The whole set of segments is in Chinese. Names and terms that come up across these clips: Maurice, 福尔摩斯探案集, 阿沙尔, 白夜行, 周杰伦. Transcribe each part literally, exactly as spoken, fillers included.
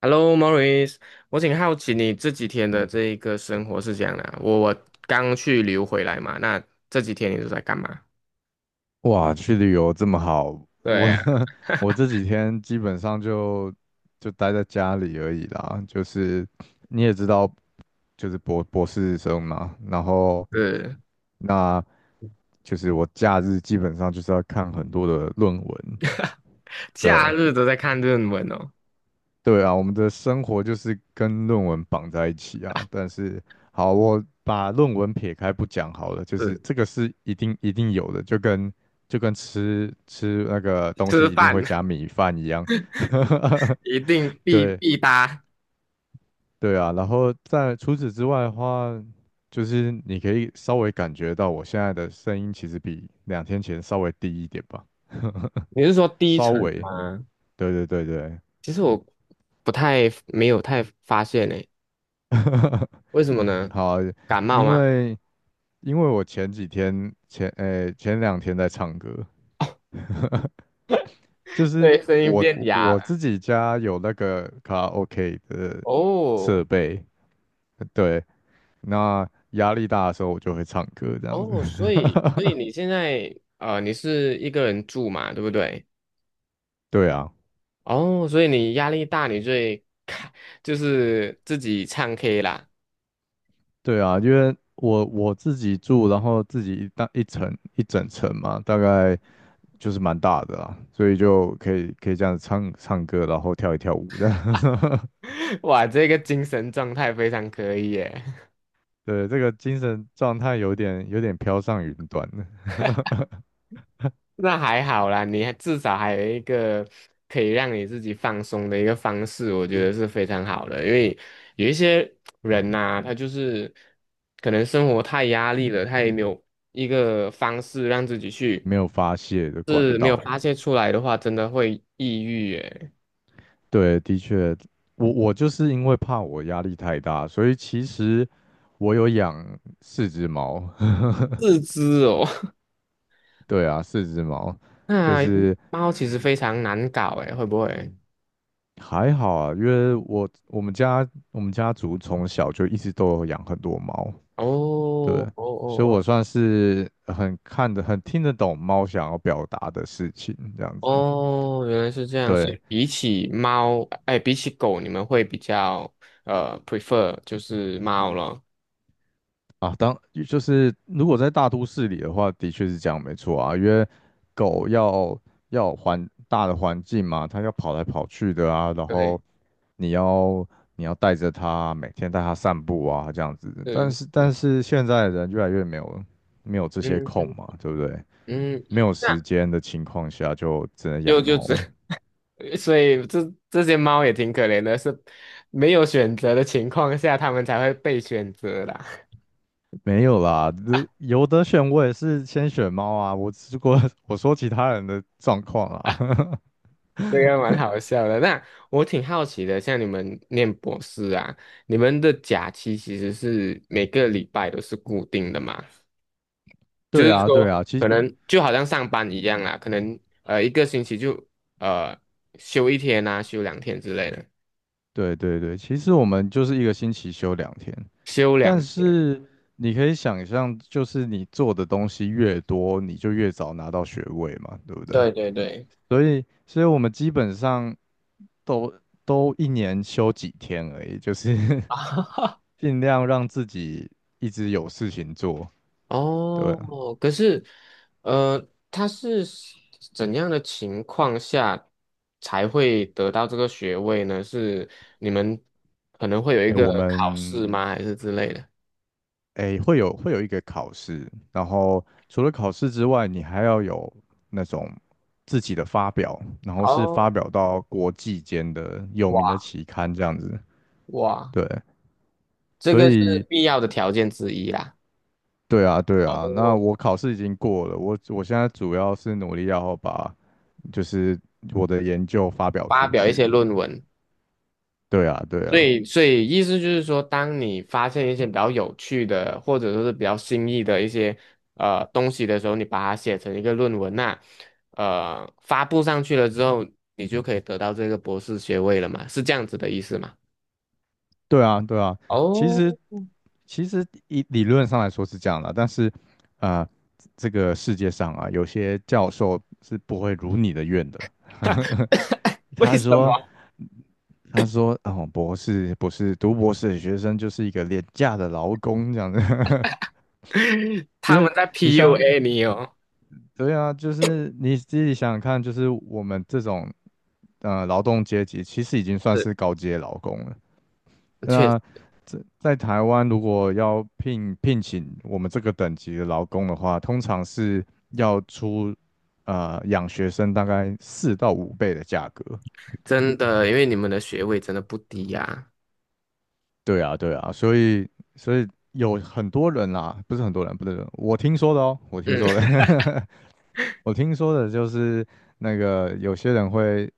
Hello, Maurice，我挺好奇你这几天的这一个生活是怎样的啊我我刚去旅游回来嘛，那这几天你都在干嘛？哇，去旅游这么好，对我 呀，我这几天基本上就就待在家里而已啦。就是你也知道，就是博博士生嘛，然后是那就是我假日基本上就是要看很多的论文，假对，日都在看论文哦，对啊，我们的生活就是跟论文绑在一起啊。但是，好，我把论文撇开不讲好了，就是是这个是一定一定有的，就跟就跟吃吃那个东西吃一定饭 会加米饭一样。一定 必对必搭。对啊，然后在除此之外的话，就是你可以稍微感觉到我现在的声音其实比两天前稍微低一点吧，你是说 低稍沉微，吗？对对对对，其实我不太没有太发现诶，为什么呢？好，感冒因吗？为。因为我前几天前诶、前两天在唱歌，就 是对，声音我变哑我了。自己家有那个卡拉 OK 的设哦备，对，那压力大的时候我就会唱歌这样子。哦，所以所以 你现在呃你是一个人住嘛，对不对？对啊，哦，所以你压力大，你最看就是自己唱 K 啦。对啊，因为我我自己住，然后自己一大一层一整层嘛，大概就是蛮大的啦，所以就可以可以这样子唱唱歌，然后跳一跳舞的。哇，这个精神状态非常可以耶。对，这个精神状态有点有点飘上云端了。那还好啦，你还至少还有一个可以让你自己放松的一个方式，我觉得是非常好的。因为有一些人呐、他就是可能生活太压力了，他也没有一个方式让自己去，没有发泄的管是没有道。发泄出来的话，真的会抑郁耶。对，的确，我我就是因为怕我压力太大，所以其实我有养四只猫。自知哦。对啊，四只猫，就那是猫其实非常难搞诶，会不会？还好啊，因为我我们家我们家族从小就一直都有养很多猫，哦对，哦所以哦我算是很看得很听得懂猫想要表达的事情，这样哦子。哦，原来是这样。所对，以比起猫，哎，比起狗，你们会比较呃 prefer 就是猫咯。啊，当就是如果在大都市里的话，的确是这样，没错啊，因为狗要要有环大的环境嘛，它要跑来跑去的啊，然对，后你要你要带着它，每天带它散步啊，这样子。但是，是但是是现在的人越来越没有没有这些嗯空嗯嘛，对不对？嗯，没有那 时间的情况下，就只能 养就就这，猫。所以这这些猫也挺可怜的，是没有选择的情况下，它们才会被选择啦。没有啦，如有得选，我也是先选猫啊。我如果 我说其他人的状况啊。这个蛮好笑的。那我挺好奇的，像你们念博士啊，你们的假期其实是每个礼拜都是固定的嘛？就对是啊，对啊，说，其实。可能就好像上班一样啊，可能呃一个星期就呃休一天啊，休两天之类的，对对对，其实我们就是一个星期休两天，休两但天。是你可以想象，就是你做的东西越多，你就越早拿到学位嘛，对不对？对对对。所以，所以我们基本上都都一年休几天而已，就是 哈。尽量让自己一直有事情做。对啊，哦，可是，呃，他是怎样的情况下才会得到这个学位呢？是你们可能会有一哎，我个考试们吗？还是之类的？诶，会有会有一个考试，然后除了考试之外，你还要有那种自己的发表，然后是发哦，表到国际间的有哇名的期刊这样子。哇，对，这所个是以必要的条件之一啦。对啊，对啊，那哦，我考试已经过了，我我现在主要是努力要把就是我的研究发表发出表一些去。论文。对啊，对所啊，以，所以意思就是说，当你发现一些比较有趣的，或者说是比较新意的一些呃东西的时候，你把它写成一个论文呐、呃，发布上去了之后，你就可以得到这个博士学位了嘛，是这样子的意思吗？对啊，对啊。其哦，实其实以理论上来说是这样的，但是，啊，这个世界上啊，有些教授是不会如你的愿的。为他什么 说："他说，哦，博士博士，读博士的学生就是一个廉价的劳工这样子，因他为们在 你想，P U A 你哦？对啊，就是你自己想想看，就是我们这种呃劳动阶级，其实已经算是，是高阶劳工了。确实那在在台湾，如果要聘聘请我们这个等级的劳工的话，通常是要出呃养学生大概四到五倍的价格。真的，因为你们的学位真的不低呀、对啊，对啊，所以所以有很多人啦，不是很多人，不是我听说的哦，我听嗯。说 的，我听说的就是那个有些人会，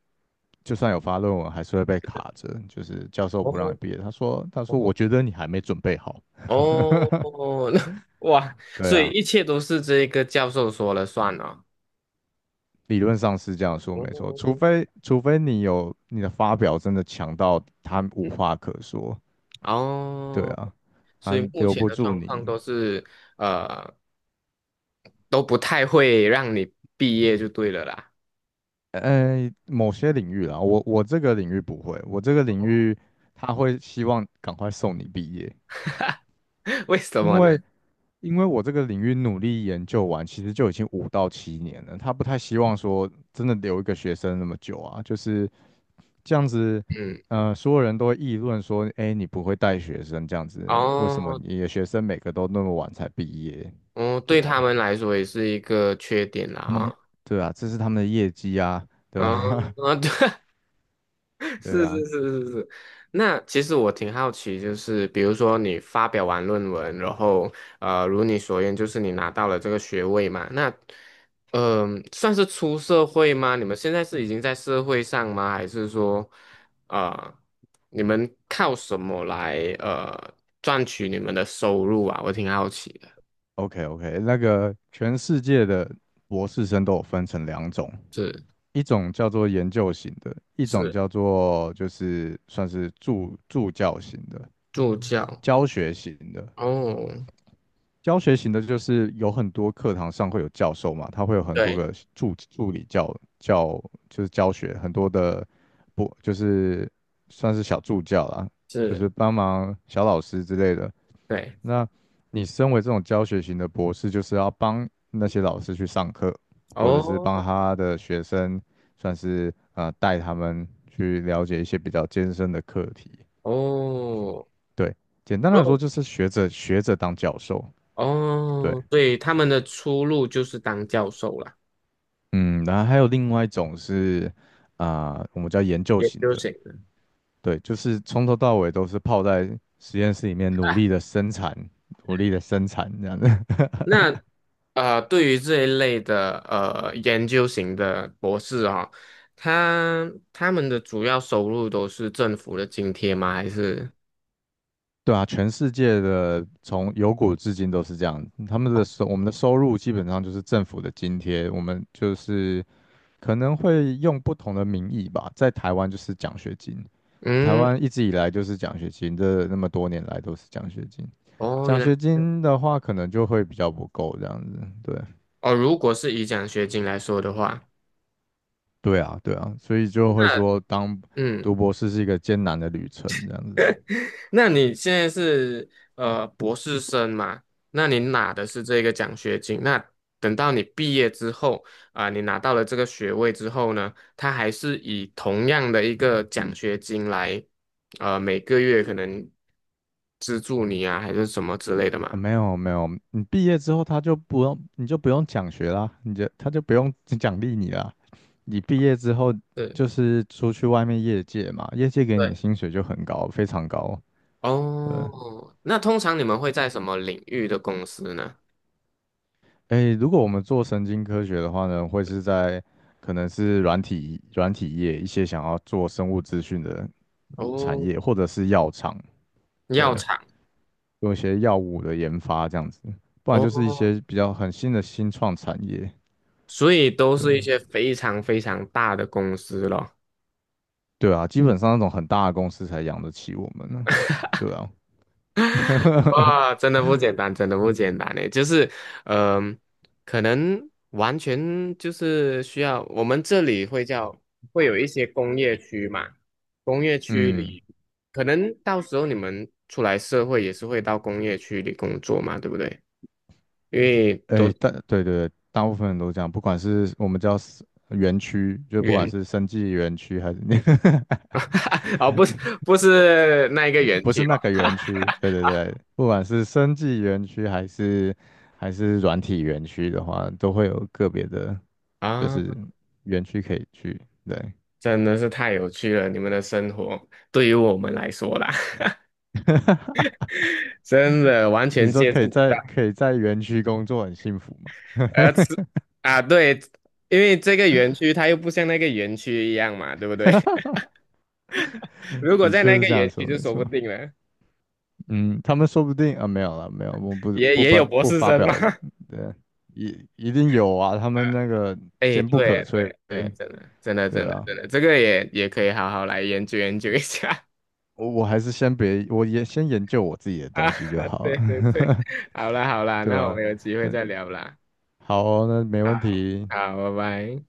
就算有发论文，还是会被卡着，就是教授不让你哦毕业。他说他说哦我觉得你还没准备好。哦，那哇，对所以啊。一切都是这个教授说了算了。理论上是这样说，没错，除哦，非除非你有你的发表真的强到他无话可说，对哦，啊，所他以目留前不的住状况你。都是呃都不太会让你毕业就对了啦。呃，某些领域啦，我我这个领域不会，我这个领 域他会希望赶快送你毕业，为什因么呢？为因为我这个领域努力研究完，其实就已经五到七年了，他不太希望说真的留一个学生那么久啊，就是这样子，嗯，呃，所有人都会议论说，哎，你不会带学生这样子，为什么哦，你的学生每个都那么晚才毕业？哦，对对他啊，们来说也是一个缺点啦他们，哈。对啊，这是他们的业绩啊，对嗯，吧？啊，对，对是是啊是是是，那其实我挺好奇，就是比如说你发表完论文，然后呃，如你所愿，就是你拿到了这个学位嘛，那嗯、呃算是出社会吗？你们现在是已经在社会上吗？还是说啊，你们靠什么来呃赚取你们的收入啊？我挺好奇的。，OK OK,那个全世界的博士生都有分成两种，是一种叫做研究型的，一种是叫做就是算是助助教型的、助教教学型的。哦，教学型的，就是有很多课堂上会有教授嘛，他会有很多对，个助助理教教，就是教学很多的不就是算是小助教啦，就是，是帮忙小老师之类的。对，那你身为这种教学型的博士，就是要帮那些老师去上课，或者是帮哦他的学生，算是呃带他们去了解一些比较艰深的课题。哦，对，简单然来说后。就是学者学者当教授。对。哦，对，他们的出路就是当教授啦，嗯，然后还有另外一种是，啊、我们叫研究研型究的，型的。对，就是从头到尾都是泡在实验室里面努力的生产，努力的生产这样子。那呃，对于这一类的呃研究型的博士啊、他他们的主要收入都是政府的津贴吗？还是对啊，全世界的从有古至今都是这样，他们的哦收我们的收入基本上就是政府的津贴，我们就是可能会用不同的名义吧，在台湾就是奖学金，台嗯，湾一直以来就是奖学金，这那么多年来都是奖学金。哦，原奖来学金的话，可能就会比较不够这样子。对，哦，如果是以奖学金来说的话，对啊，对啊，所以就会那说，当读嗯。博士是一个艰难的旅程这样子。那你现在是呃博士生嘛？那你拿的是这个奖学金。那等到你毕业之后啊、你拿到了这个学位之后呢，他还是以同样的一个奖学金来，呃，每个月可能资助你啊，还是什么之类的啊嘛？没有没有，你毕业之后他就不用，你就不用奖学啦，你就他就不用奖励你啦。你毕业之后对就是出去外面业界嘛，业界给你的对，薪水就很高，非常高。对，哦，那通常你们会在什么领域的公司呢？诶，如果我们做神经科学的话呢，会是在可能是软体软体业一些想要做生物资讯的产业，哦，或者是药厂，药对，厂用一些药物的研发这样子，不然就是一哦，些比较很新的新创产业，所以都对，是一些非常非常大的公司咯。对啊，基本上那种很大的公司才养得起我们呢，对啊，哇，真的不简单，真的不简单诶，就是，嗯、可能完全就是需要我们这里会叫会有一些工业区嘛，工业区嗯，里，可能到时候你们出来社会也是会到工业区里工作嘛，对不对？因为哎，都大对对对大部分人都这样，不管是我们叫 s- 园区，就不管园 是生技园区还是那个 哦，不是不是那一个园不区是那个哦，园区，对对对，不管是生技园区还是还是软体园区的话，都会有个别的，就是啊，园区可以去。对，真的是太有趣了，你们的生活对于我们来说啦，真的完你全说接可触以不到。在可以在园区工作很幸福吗？呃，吃啊，对，因为这个园区它又不像那个园区一样嘛，对不对？如果的在确那是个这样园区说，就没说错。不定了，嗯，他们说不定啊，没有了，没有，我不也不也有不博不士发生嘛。表意 对，一一定有啊，他啊，们那个哎，坚不可对摧，对对，真的真的对真的啊，真的，这个也也可以好好来研究研究一下 我我还是先别，我也先研究我自己的 啊。东西就好对对了，对，好啦好 啦，对那我啊。们有机会再聊啦。好哦，那没问好，题，好，拜拜。